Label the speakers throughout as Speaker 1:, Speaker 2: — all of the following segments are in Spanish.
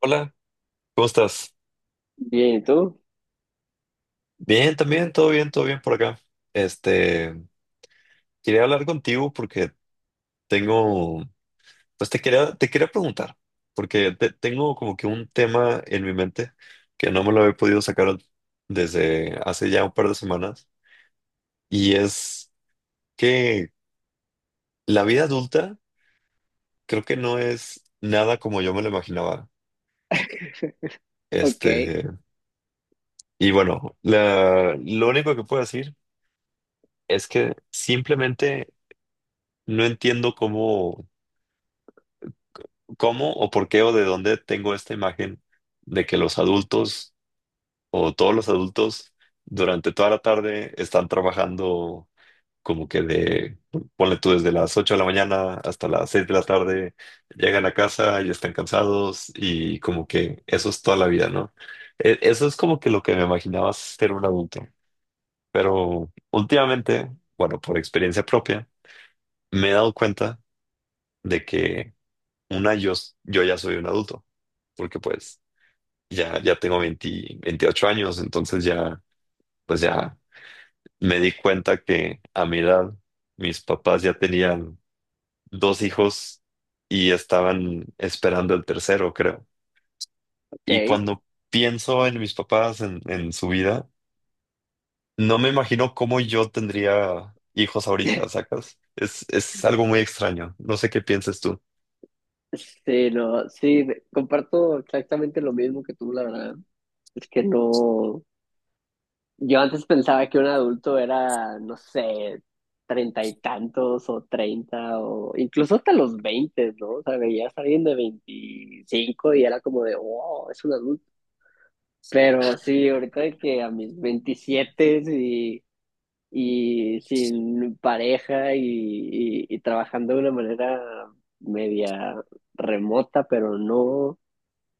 Speaker 1: Hola, ¿cómo estás?
Speaker 2: Bien, ¿y tú?
Speaker 1: Bien, también, todo bien por acá. Este, Quería hablar contigo porque tengo, pues te quería preguntar, porque tengo como que un tema en mi mente que no me lo he podido sacar desde hace ya un par de semanas, y es que la vida adulta creo que no es nada como yo me lo imaginaba.
Speaker 2: Ok,
Speaker 1: Este, y bueno, lo único que puedo decir es que simplemente no entiendo cómo o por qué o de dónde tengo esta imagen de que los adultos o todos los adultos durante toda la tarde están trabajando como que ponle tú desde las 8 de la mañana hasta las 6 de la tarde, llegan a casa y están cansados y como que eso es toda la vida, ¿no? Eso es como que lo que me imaginaba ser un adulto, pero últimamente, bueno, por experiencia propia, me he dado cuenta de que una, yo, yo ya soy un adulto, porque pues ya, ya tengo 20 28 años, entonces ya, pues ya me di cuenta que a mi edad mis papás ya tenían dos hijos y estaban esperando el tercero, creo. Y
Speaker 2: ok.
Speaker 1: cuando pienso en mis papás, en su vida, no me imagino cómo yo tendría hijos ahorita, ¿sacas? Es algo muy extraño. No sé qué piensas tú.
Speaker 2: Sí, no, sí, comparto exactamente lo mismo que tú, la verdad. Es que no, yo antes pensaba que un adulto era, no sé, treinta y tantos o treinta o incluso hasta los veinte, ¿no? O sea, veías a alguien de veinticinco y era como de, wow, es un adulto. Pero sí, ahorita de que a mis veintisiete y sin pareja y trabajando de una manera media remota, pero no,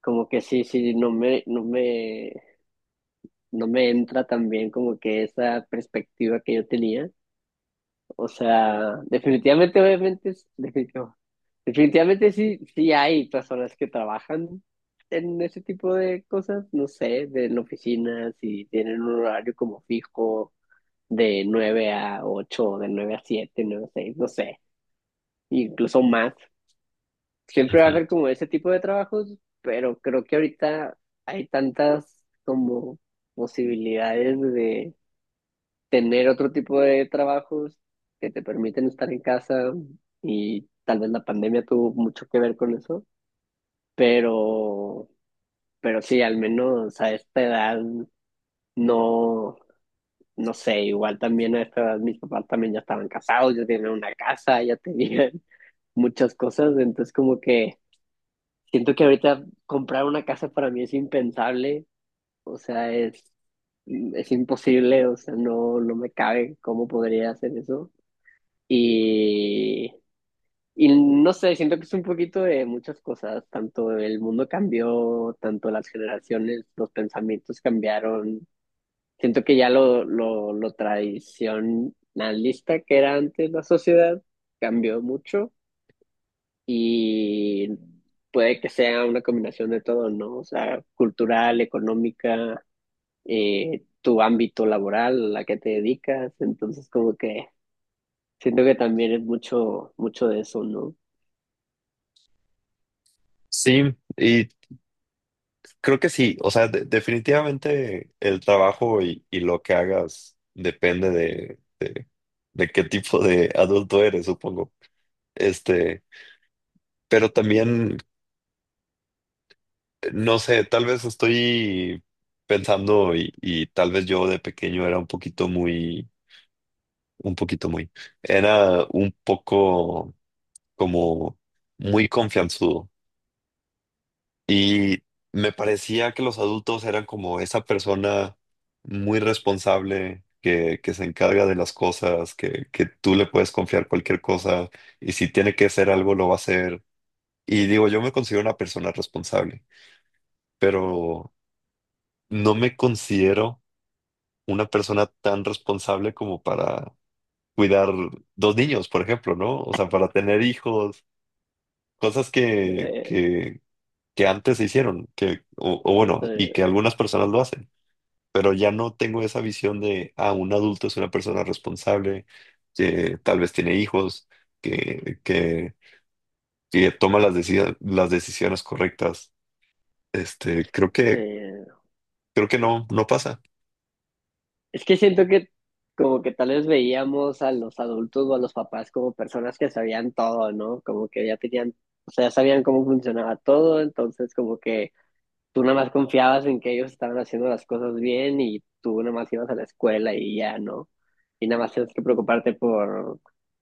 Speaker 2: como que sí, sí, no me entra también como que esa perspectiva que yo tenía. O sea, definitivamente, obviamente, definitivamente sí, sí hay personas que trabajan en ese tipo de cosas, no sé, de en oficinas y tienen un horario como fijo de 9 a 8, de 9 a 7 9 a 6 no sé, incluso más. Siempre va a
Speaker 1: Ujú.
Speaker 2: haber como ese tipo de trabajos, pero creo que ahorita hay tantas como posibilidades de tener otro tipo de trabajos que te permiten estar en casa y tal vez la pandemia tuvo mucho que ver con eso, pero, pero sí, al menos a esta edad no. no sé, igual también a esta edad mis papás también ya estaban casados, ya tenían una casa, ya tenían muchas cosas, entonces como que siento que ahorita comprar una casa para mí es impensable, o sea, es imposible, o sea, no, no me cabe cómo podría hacer eso. Y, y no sé, siento que es un poquito de muchas cosas, tanto el mundo cambió, tanto las generaciones, los pensamientos cambiaron. Siento que ya lo tradicionalista que era antes la sociedad cambió mucho y puede que sea una combinación de todo, ¿no? O sea, cultural, económica, tu ámbito laboral, a qué te dedicas. Entonces, como que siento que también es mucho, mucho de eso, ¿no?
Speaker 1: Sí, y creo que sí, o sea, definitivamente el trabajo y lo que hagas depende de qué tipo de adulto eres, supongo. Este, pero también, no sé, tal vez estoy pensando y tal vez yo de pequeño era un poquito muy, un poco como muy confianzudo y me parecía que los adultos eran como esa persona muy responsable. Que se encarga de las cosas, que tú le puedes confiar cualquier cosa y si tiene que hacer algo lo va a hacer. Y digo, yo me considero una persona responsable, pero no me considero una persona tan responsable como para cuidar dos niños, por ejemplo, ¿no? O sea, para tener hijos, cosas
Speaker 2: Eh,
Speaker 1: que antes se hicieron, o bueno, y
Speaker 2: eh,
Speaker 1: que algunas personas lo hacen, pero ya no tengo esa visión de, ah, un adulto es una persona responsable, que tal vez tiene hijos, que, que, que toma las decisiones correctas. Este, creo que
Speaker 2: eh,
Speaker 1: creo que no, no pasa.
Speaker 2: Es que siento que como que tal vez veíamos a los adultos o a los papás como personas que sabían todo, ¿no? Como que ya tenían, o sea, ya sabían cómo funcionaba todo, entonces como que tú nada más confiabas en que ellos estaban haciendo las cosas bien y tú nada más ibas a la escuela y ya, ¿no? Y nada más tienes que preocuparte por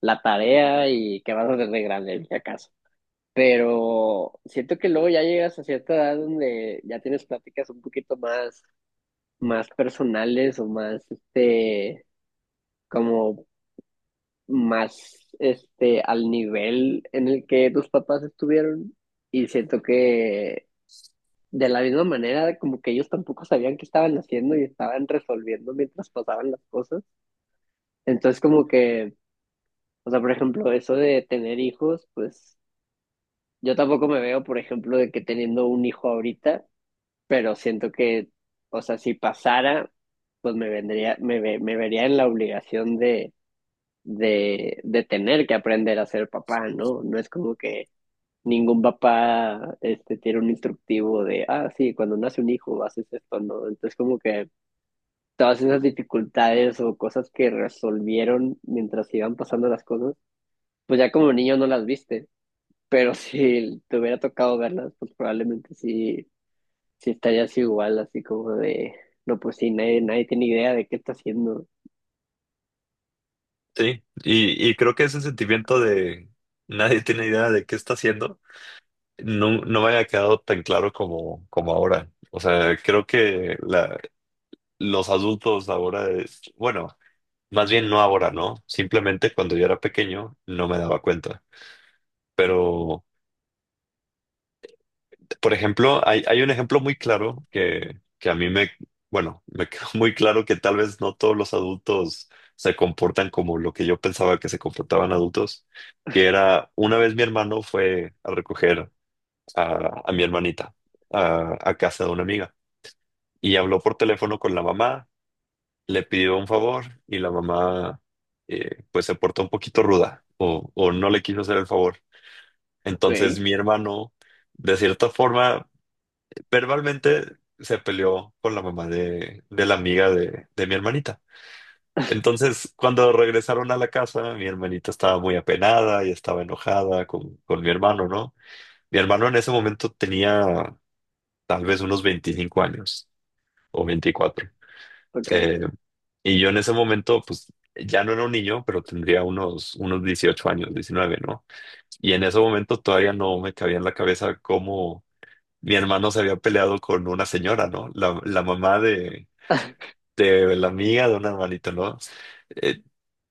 Speaker 2: la tarea y qué vas a hacer de grande, si acaso. Pero siento que luego ya llegas a cierta edad donde ya tienes pláticas un poquito más personales o más, como más al nivel en el que tus papás estuvieron y siento que de la misma manera como que ellos tampoco sabían qué estaban haciendo y estaban resolviendo mientras pasaban las cosas. Entonces como que, o sea, por ejemplo, eso de tener hijos, pues yo tampoco me veo, por ejemplo, de que teniendo un hijo ahorita, pero siento que, o sea, si pasara, pues me vendría, me, ve- me vería en la obligación de de tener que aprender a ser papá, ¿no? No es como que ningún papá tiene un instructivo de, ah, sí, cuando nace un hijo haces esto, ¿no? Entonces como que todas esas dificultades o cosas que resolvieron mientras iban pasando las cosas, pues ya como niño no las viste, pero si te hubiera tocado verlas, pues probablemente sí, sí estarías igual, así como de, no, pues sí, nadie, nadie tiene idea de qué está haciendo.
Speaker 1: Sí, y creo que ese sentimiento de nadie tiene idea de qué está haciendo, no me había quedado tan claro como ahora. O sea, creo que los adultos ahora, bueno, más bien no ahora, ¿no? Simplemente cuando yo era pequeño no me daba cuenta. Pero por ejemplo, hay un ejemplo muy claro que a mí me, bueno, me quedó muy claro que tal vez no todos los adultos se comportan como lo que yo pensaba que se comportaban adultos, que era una vez mi hermano fue a recoger a mi hermanita a casa de una amiga y habló por teléfono con la mamá, le pidió un favor y la mamá pues se portó un poquito ruda o no le quiso hacer el favor.
Speaker 2: Ok,
Speaker 1: Entonces mi hermano de cierta forma verbalmente se peleó con la mamá de la amiga de mi hermanita. Entonces, cuando regresaron a la casa, mi hermanita estaba muy apenada y estaba enojada con mi hermano, ¿no? Mi hermano en ese momento tenía tal vez unos 25 años o 24.
Speaker 2: ok.
Speaker 1: Eh, y yo en ese momento, pues ya no era un niño, pero tendría unos 18 años, 19, ¿no? Y en ese momento todavía no me cabía en la cabeza cómo mi hermano se había peleado con una señora, ¿no? La mamá de de la amiga, de un hermanito, ¿no? Eh,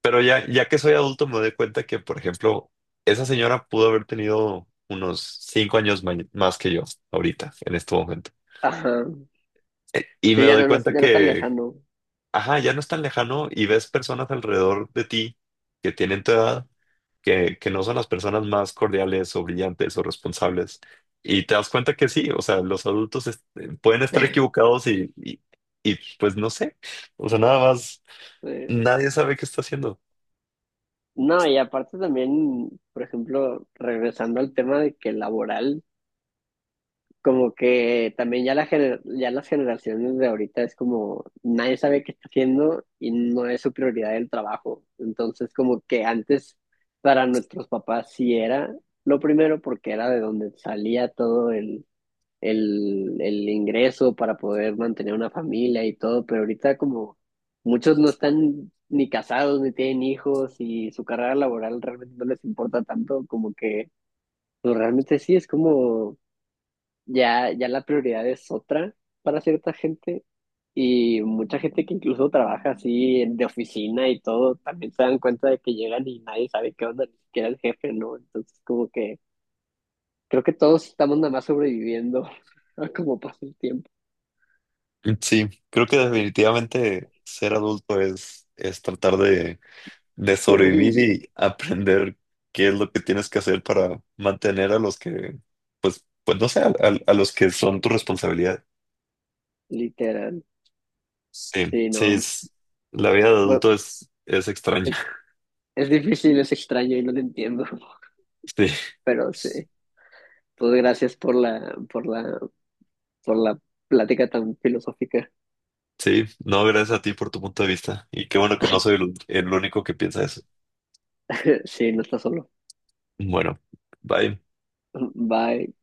Speaker 1: pero ya, ya que soy adulto me doy cuenta que, por ejemplo, esa señora pudo haber tenido unos 5 años más que yo ahorita, en este momento.
Speaker 2: Ajá.
Speaker 1: Y me
Speaker 2: Sí, ya
Speaker 1: doy
Speaker 2: no,
Speaker 1: cuenta
Speaker 2: ya no es tan
Speaker 1: que,
Speaker 2: lejano.
Speaker 1: ajá, ya no es tan lejano y ves personas alrededor de ti que tienen tu edad, que no son las personas más cordiales o brillantes o responsables. Y te das cuenta que sí, o sea, los adultos pueden estar equivocados y, pues no sé, o sea, nada más.
Speaker 2: Eh,
Speaker 1: Nadie sabe qué está haciendo.
Speaker 2: no, y aparte también, por ejemplo, regresando al tema de que laboral, como que también ya, ya las generaciones de ahorita es como nadie sabe qué está haciendo y no es su prioridad el trabajo. Entonces, como que antes para nuestros papás sí era lo primero porque era de donde salía todo el ingreso para poder mantener una familia y todo, pero ahorita como muchos no están ni casados ni tienen hijos y su carrera laboral realmente no les importa tanto, como que pues, realmente sí, es como ya, ya la prioridad es otra para cierta gente y mucha gente que incluso trabaja así de oficina y todo, también se dan cuenta de que llegan y nadie sabe qué onda, ni siquiera el jefe, ¿no? Entonces como que creo que todos estamos nada más sobreviviendo a cómo pasa el tiempo.
Speaker 1: Sí, creo que definitivamente ser adulto es, tratar de sobrevivir
Speaker 2: Sobrevivir,
Speaker 1: y aprender qué es lo que tienes que hacer para mantener a los que, pues no sé, a los que son tu responsabilidad.
Speaker 2: literal.
Speaker 1: Sí,
Speaker 2: Sí,
Speaker 1: sí,
Speaker 2: no.
Speaker 1: la vida de
Speaker 2: Bueno,
Speaker 1: adulto es,
Speaker 2: e-
Speaker 1: extraña.
Speaker 2: es difícil, es extraño y no te entiendo,
Speaker 1: Sí,
Speaker 2: pero sí. Pues gracias por la, por la, por la plática tan filosófica.
Speaker 1: sí, no, gracias a ti por tu punto de vista. Y qué bueno que no soy el único que piensa eso.
Speaker 2: Sí, no estás solo.
Speaker 1: Bueno, bye.
Speaker 2: Bye.